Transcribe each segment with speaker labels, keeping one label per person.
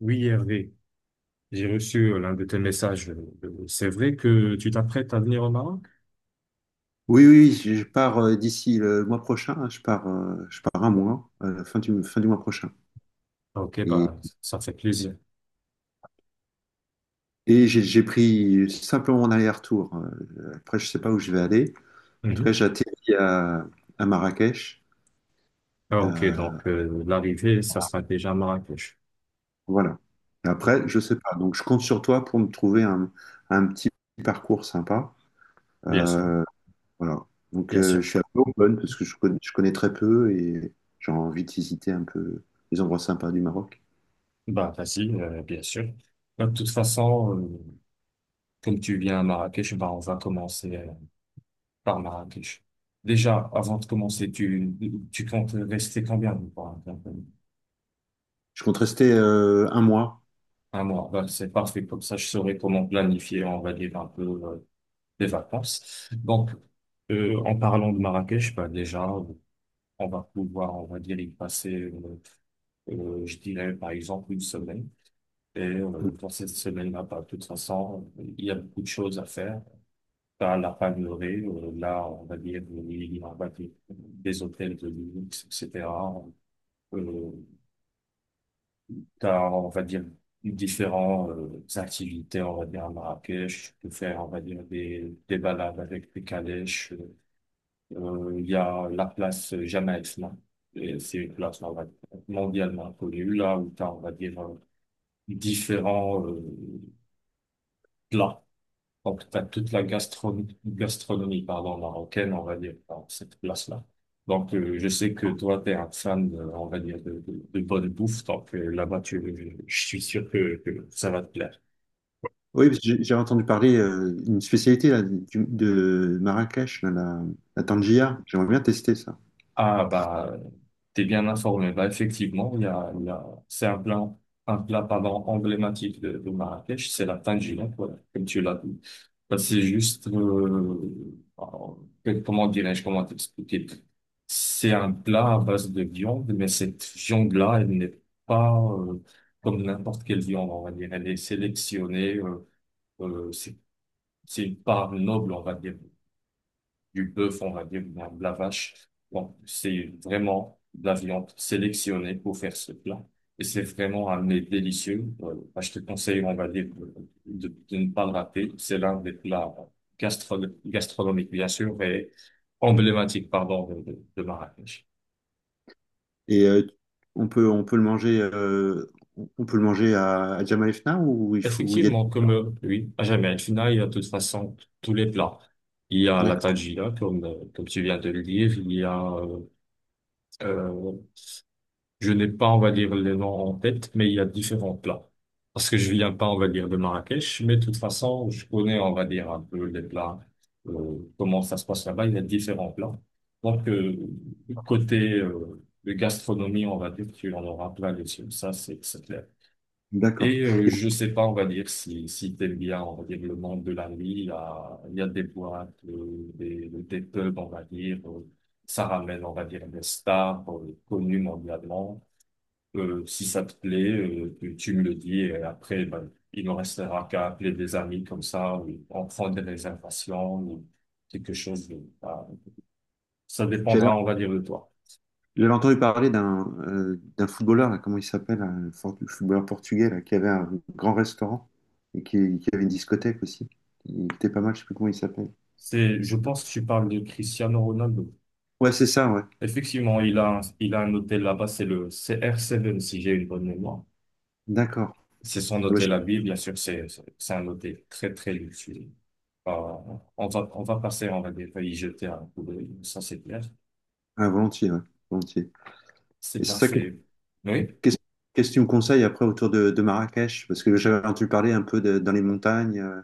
Speaker 1: Oui, Hervé, j'ai reçu l'un de tes messages. C'est vrai que tu t'apprêtes à venir au Maroc?
Speaker 2: Oui, oui, oui, je pars d'ici le mois prochain. Hein, je pars un mois, à la fin du fin du mois prochain.
Speaker 1: Ah, ok,
Speaker 2: Et,
Speaker 1: bah, ça fait plaisir.
Speaker 2: et j'ai pris simplement mon aller-retour. Après, je sais pas où je vais aller. En tout cas,
Speaker 1: Mhm.
Speaker 2: j'atterris à Marrakech.
Speaker 1: Ah, ok,
Speaker 2: euh,
Speaker 1: donc l'arrivée, ça sera déjà à Marrakech.
Speaker 2: voilà. Et
Speaker 1: Oui,
Speaker 2: après, je sais pas. Donc, je compte sur toi pour me trouver un petit parcours sympa.
Speaker 1: Bien sûr,
Speaker 2: Euh, voilà. Donc,
Speaker 1: bien sûr.
Speaker 2: je suis un peu open parce que je connais très peu et j'ai envie de visiter un peu les endroits sympas du Maroc.
Speaker 1: Bah, facile, bien sûr. Bah, de toute façon, comme tu viens à Marrakech, bah, on va commencer par Marrakech. Déjà, avant de commencer, tu comptes rester combien de temps?
Speaker 2: Je compte rester un mois.
Speaker 1: 1 mois, bah, c'est parfait, comme ça je saurai comment planifier, on va dire un peu, des vacances. Donc, en parlant de Marrakech, bah, déjà, on va pouvoir, on va dire, y passer, je dirais, par exemple, 1 semaine. Et dans cette semaine-là, bah, de toute façon, il y a beaucoup de choses à faire. T'as la Palmeraie, là, on va dire, il y aura des hôtels de luxe, etc. Euh, t'as, on va dire, différentes activités, on va dire, à Marrakech. Tu peux faire, on va dire, des balades avec des calèches. Il y a la place Jamaïque, là. Et c'est une place, on va dire, mondialement connue, là où tu as, on va dire, différents plats. Donc, tu as toute la gastronomie, gastronomie pardon, marocaine, on va dire, dans cette place-là. Donc, je sais que toi, tu es un fan, on va dire, de bonne bouffe. Donc, là-bas, tu, je suis sûr que ça va te plaire.
Speaker 2: Oui, parce que j'ai entendu parler une spécialité là, de Marrakech, la tangia. J'aimerais bien tester ça.
Speaker 1: Ah bah t'es bien informé. Bah effectivement, c'est un plat pardon, emblématique de Marrakech, c'est la tangia, voilà, comme tu l'as dit. Bah, c'est juste alors, comment dirais-je, comment t'expliquer? C'est un plat à base de viande, mais cette viande-là, elle n'est pas comme n'importe quelle viande, on va dire. Elle est sélectionnée, euh, c'est c'est une part noble, on va dire du bœuf, on va dire, ou bien de la vache. Donc, c'est vraiment de la viande sélectionnée pour faire ce plat. Et c'est vraiment un mets délicieux. Bah, je te conseille, on va dire, de ne pas le rater. C'est l'un des plats gastro gastronomiques, bien sûr, et emblématiques, pardon, de Marrakech.
Speaker 2: Et on peut le manger, on peut le manger à Jemaa el Fna ou il faut, ou il y a...
Speaker 1: Effectivement, comme oui, à jamais al Fna, il y a de toute façon tous les plats. Il y a la
Speaker 2: D'accord,
Speaker 1: tajina, comme, comme tu viens de le dire, il y a euh, je n'ai pas, on va dire, les noms en tête, mais il y a différents plats. Parce que je viens pas, on va dire, de Marrakech, mais de toute façon, je connais, on va dire, un peu les plats, comment ça se passe là-bas. Il y a différents plats. Donc, côté de gastronomie, on va dire, tu en auras plein les yeux. Ça, c'est clair.
Speaker 2: d'accord.
Speaker 1: Et je sais pas, on va dire, si t'aimes bien, on va dire, le monde de la nuit, il y a des boîtes, des pubs, on va dire, ça ramène, on va dire, des stars connues mondialement. Si ça te plaît, tu me le dis et après, ben, il ne restera qu'à appeler des amis comme ça, ou en prendre des réservations, ou quelque chose. Ça
Speaker 2: J'avais
Speaker 1: dépendra, on va dire, de toi.
Speaker 2: j'avais entendu parler d'un d'un footballeur, là, comment il s'appelle, un footballeur portugais là, qui avait un grand restaurant et qui avait une discothèque aussi. Il était pas mal, je sais plus comment il s'appelle.
Speaker 1: C'est, je pense que tu parles de Cristiano Ronaldo.
Speaker 2: Ouais, c'est ça, ouais.
Speaker 1: Effectivement, il a un hôtel là-bas, c'est le CR7, si j'ai une bonne mémoire.
Speaker 2: D'accord.
Speaker 1: C'est son
Speaker 2: Ah,
Speaker 1: hôtel à Ville, bien sûr, c'est un hôtel très luxueux. Euh, on va passer, on va y jeter un coup d'œil, ça c'est clair.
Speaker 2: ah, volontiers, ouais. Volontiers. Et
Speaker 1: C'est
Speaker 2: c'est ça.
Speaker 1: parfait. Oui.
Speaker 2: Qu'est-ce Qu'est-ce que tu me conseilles après autour de Marrakech? Parce que j'avais entendu parler un peu dans les montagnes.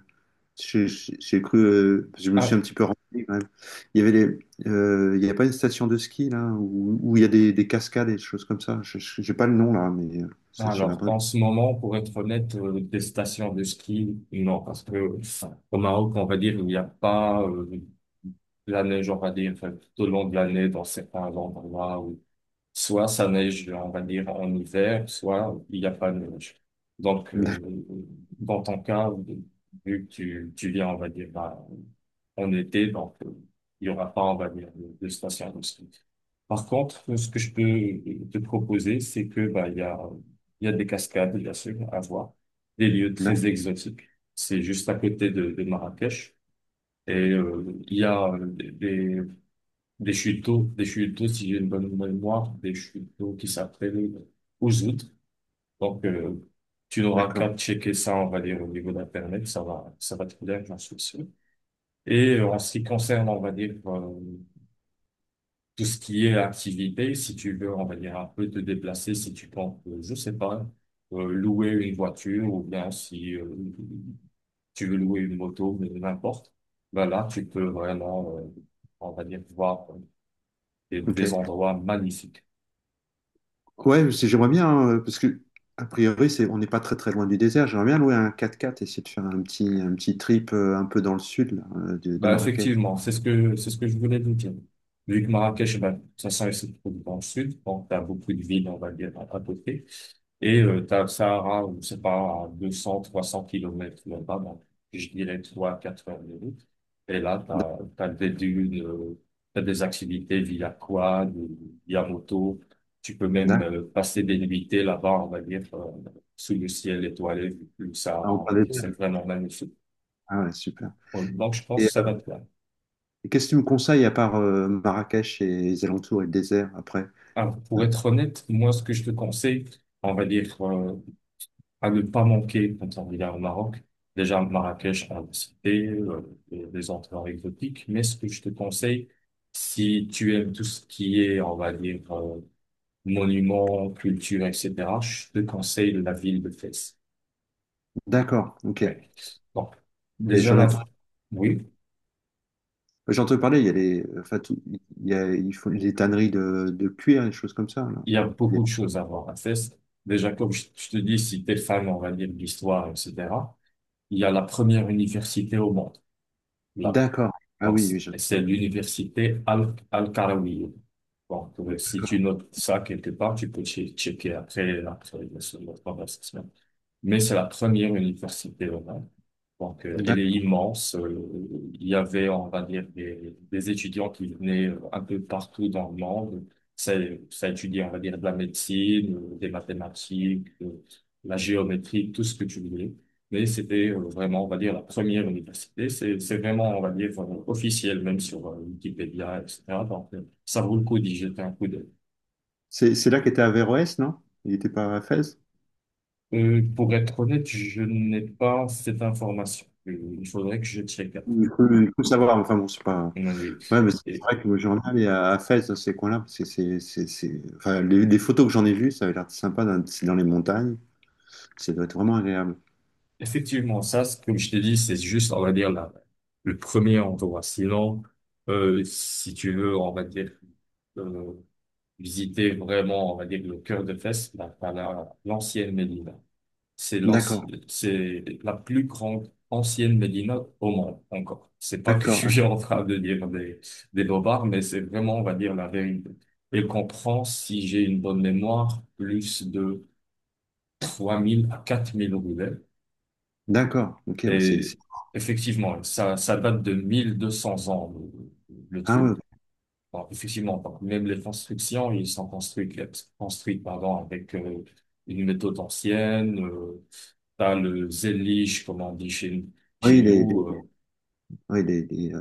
Speaker 2: J'ai cru, je me suis
Speaker 1: Ah,
Speaker 2: un petit peu renseigné quand même. Il y avait il y a pas une station de ski là où, où il y a des cascades et des choses comme ça. J'ai pas le nom là, mais je vais
Speaker 1: alors,
Speaker 2: après—
Speaker 1: en ce moment, pour être honnête, des stations de ski, non, parce que au Maroc, on va dire, il n'y a pas de la neige, on va dire, enfin, tout au long de l'année dans certains endroits. Soit ça neige, on va dire, en hiver, soit il n'y a pas de neige. Donc, dans ton cas, vu que tu viens, on va dire, en été, donc il y aura pas, on va dire, de station de ski. Par contre, ce que je peux te proposer, c'est que bah, il y a des cascades, bien sûr, à voir, des lieux très exotiques. C'est juste à côté de Marrakech. Et il y a des, des chuteaux, si j'ai une bonne mémoire, des chuteaux qui s'appellent Ouzout. Donc, tu n'auras
Speaker 2: D'accord.
Speaker 1: qu'à checker ça, on va dire, au niveau d'Internet, ça va te plaire, j'en suis sûr. Et en ce qui concerne, on va dire, tout ce qui est activité, si tu veux, on va dire, un peu te déplacer, si tu penses, je sais pas, louer une voiture ou bien si tu veux louer une moto, mais n'importe, ben là, tu peux vraiment, on va dire, voir des
Speaker 2: Ok.
Speaker 1: endroits magnifiques.
Speaker 2: Ouais, j'aimerais bien, hein, parce que a priori, c'est on n'est pas très très loin du désert. J'aimerais bien louer un 4x4 et essayer de faire un petit trip un peu dans le sud là, de
Speaker 1: Bah,
Speaker 2: Marrakech.
Speaker 1: effectivement, c'est ce que je voulais vous dire. Vu que Marrakech, bah, ça se trouve dans le sud, donc t'as beaucoup de villes, on va dire, à côté. Et t'as le Sahara, je sais pas, à 200, 300 kilomètres là-bas, donc, je dirais 3 4 heures de route. Et là, t'as des dunes, t'as des activités via quad, ou via moto. Tu peux même
Speaker 2: D'accord.
Speaker 1: passer des nuitées là-bas, on va dire, sous le ciel étoilé, vu que le
Speaker 2: Ah, on
Speaker 1: Sahara, on
Speaker 2: prend
Speaker 1: va
Speaker 2: des
Speaker 1: dire, c'est
Speaker 2: berges.
Speaker 1: vraiment magnifique.
Speaker 2: Ah ouais, super.
Speaker 1: Donc, je pense
Speaker 2: Et
Speaker 1: que ça va être
Speaker 2: qu'est-ce que tu me conseilles à part Marrakech et les alentours et le désert après?
Speaker 1: alors, pour
Speaker 2: Euh,
Speaker 1: être honnête, moi, ce que je te conseille, on va dire, à ne pas manquer quand on vient au Maroc. Déjà, Marrakech, on l'a cité, et les endroits exotiques. Mais ce que je te conseille, si tu aimes tout ce qui est, on va dire, monuments, culture, etc., je te conseille la ville de Fès.
Speaker 2: d'accord, ok.
Speaker 1: Ouais. Donc,
Speaker 2: Et
Speaker 1: déjà là, oui,
Speaker 2: j'entends parler, il y a les, enfin, il y a, il faut les tanneries de cuir, des choses comme ça, là.
Speaker 1: il y a
Speaker 2: Il y a-
Speaker 1: beaucoup de choses à voir à Fès. Déjà, comme je te dis, si t'es fan, on va dire, de l'histoire, etc., il y a la première université au monde. Là.
Speaker 2: D'accord. Ah
Speaker 1: Donc,
Speaker 2: oui,
Speaker 1: c'est
Speaker 2: oui, j'en ai
Speaker 1: c'est
Speaker 2: parlé, hein.
Speaker 1: l'université Al-Qarawiyya. Donc, si tu
Speaker 2: D'accord.
Speaker 1: notes ça quelque part, tu peux checker après, après notre conversation, mais c'est la première université au monde. Donc, elle est
Speaker 2: D'accord.
Speaker 1: immense. Il y avait, on va dire, des étudiants qui venaient un peu partout dans le monde. Ça, Ça étudiait, on va dire, de la médecine, des mathématiques, la géométrie, tout ce que tu voulais. Mais c'était vraiment, on va dire, la première université. C'est vraiment, on va dire, officiel, même sur Wikipédia, etc. Donc, ça vaut le coup d'y jeter un coup d'œil.
Speaker 2: C'est là qu'était Averroès, non? Il n'était pas à Fès?
Speaker 1: Pour être honnête, je n'ai pas cette information. Il faudrait que je check.
Speaker 2: Il faut savoir, enfin bon, c'est pas.
Speaker 1: Mm, oui.
Speaker 2: Ouais, mais c'est
Speaker 1: Et
Speaker 2: vrai que moi, j'en ai allé à Fès, dans ces coins-là, parce que enfin, les photos que j'en ai vues, ça avait l'air sympa, c'est dans les montagnes, ça doit être vraiment agréable.
Speaker 1: effectivement, ça, comme je t'ai dit, c'est juste, on va dire, le premier endroit. Sinon, si tu veux, on va dire, euh, visiter vraiment, on va dire, le cœur de Fès, bah, l'ancienne Médina. C'est l'anci-
Speaker 2: D'accord,
Speaker 1: c'est la plus grande ancienne médina au monde, encore. C'est pas que
Speaker 2: d'accord,
Speaker 1: je suis en train de dire des bobards, mais c'est vraiment, on va dire, la vérité. Elle comprend, si j'ai une bonne mémoire, plus de 3 000 à 4 000 roulets.
Speaker 2: d'accord. Ok,
Speaker 1: Et effectivement, ça date de 1 200 ans, le
Speaker 2: ah
Speaker 1: truc.
Speaker 2: ouais,
Speaker 1: Alors, effectivement, même les constructions, ils sont construites construites, pardon, avec une méthode ancienne. T'as le zélige, comme on dit chez
Speaker 2: oui, les,
Speaker 1: nous.
Speaker 2: les- oui,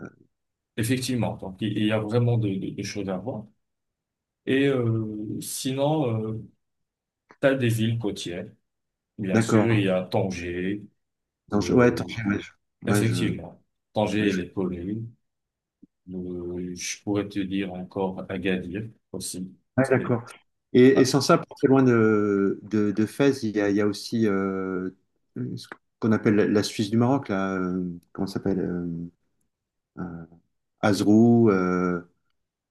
Speaker 1: Effectivement, donc il y a vraiment de choses à voir. Et sinon, t'as des villes côtières. Bien sûr, il y
Speaker 2: d'accord.
Speaker 1: a Tanger.
Speaker 2: Attends, ouais, attends,
Speaker 1: Euh,
Speaker 2: ouais, ouais,
Speaker 1: effectivement,
Speaker 2: ouais,
Speaker 1: Tanger, elle est connue. Je pourrais te dire encore Agadir aussi.
Speaker 2: ouais,
Speaker 1: C'était
Speaker 2: d'accord. Et sans ça, pas très loin de Fès, il y a aussi ce qu'on appelle la Suisse du Maroc, là, comment ça s'appelle euh, Azrou,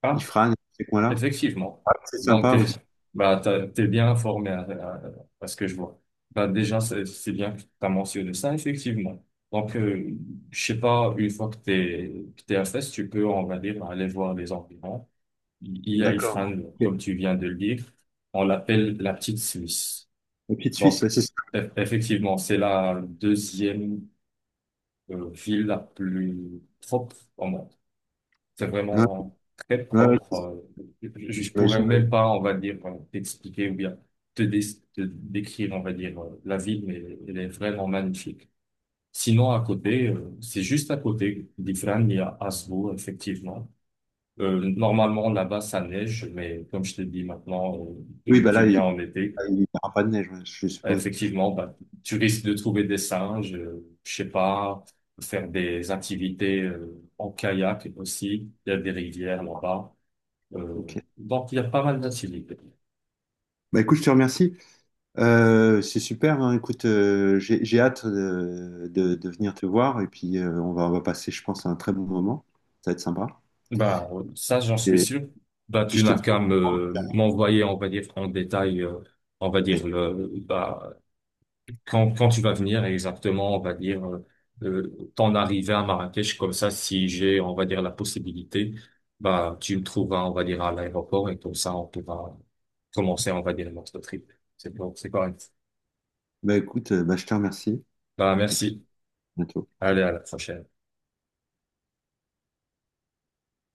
Speaker 1: ah,
Speaker 2: Ifrane, ces coins-là.
Speaker 1: effectivement.
Speaker 2: C'est
Speaker 1: Donc,
Speaker 2: sympa aussi.
Speaker 1: bah, t'es bien informé à ce que je vois. Bah, déjà, c'est bien que tu as mentionné ça, effectivement. Donc, je sais pas, une fois que que t'es à Fès, tu peux, on va dire, aller voir les environs. Il y a
Speaker 2: D'accord.
Speaker 1: Ifrane,
Speaker 2: Ok.
Speaker 1: comme tu viens de le dire. On l'appelle la petite Suisse.
Speaker 2: La petite Suisse,
Speaker 1: Donc,
Speaker 2: ouais, c'est ça.
Speaker 1: effectivement, c'est la deuxième ville la plus propre, c'est
Speaker 2: Ouais,
Speaker 1: vraiment très
Speaker 2: ouais, ouais,
Speaker 1: propre. Je pourrais
Speaker 2: j'imagine.
Speaker 1: même pas, on va dire, t'expliquer ou bien te, dé- te décrire, on va dire, la ville, mais elle est vraiment magnifique. Sinon, à côté, c'est juste à côté d'Ifrane, il y a Asvo, effectivement. Normalement, là-bas, ça neige, mais comme je te dis maintenant,
Speaker 2: Oui,
Speaker 1: vu
Speaker 2: bah
Speaker 1: que tu
Speaker 2: là, il
Speaker 1: viens en été,
Speaker 2: n'y aura pas de neige, ouais, je suppose.
Speaker 1: effectivement, bah, tu risques de trouver des singes, je sais pas, faire des activités en kayak aussi. Il y a des rivières là-bas. Euh,
Speaker 2: Ok.
Speaker 1: donc, il y a pas mal d'incivilités.
Speaker 2: Bah écoute, je te remercie. C'est super, hein. Écoute, j'ai hâte de venir te voir et puis on va passer, je pense, un très bon moment. Ça va être sympa.
Speaker 1: Bah, ça, j'en suis
Speaker 2: Et
Speaker 1: sûr. Bah,
Speaker 2: puis
Speaker 1: tu
Speaker 2: je te
Speaker 1: n'as
Speaker 2: dis.
Speaker 1: qu'à
Speaker 2: Ok.
Speaker 1: m'envoyer, on va dire, en détail, on va dire, quand tu vas venir exactement, on va dire, ton arrivée à Marrakech, comme ça, si j'ai, on va dire, la possibilité, bah, tu me trouveras, on va dire, à l'aéroport et comme ça, on pourra commencer, on va dire, notre trip. C'est bon, c'est correct.
Speaker 2: Bah écoute, bah, je te remercie
Speaker 1: Bah,
Speaker 2: et puis
Speaker 1: merci.
Speaker 2: à bientôt.
Speaker 1: Allez, à la prochaine.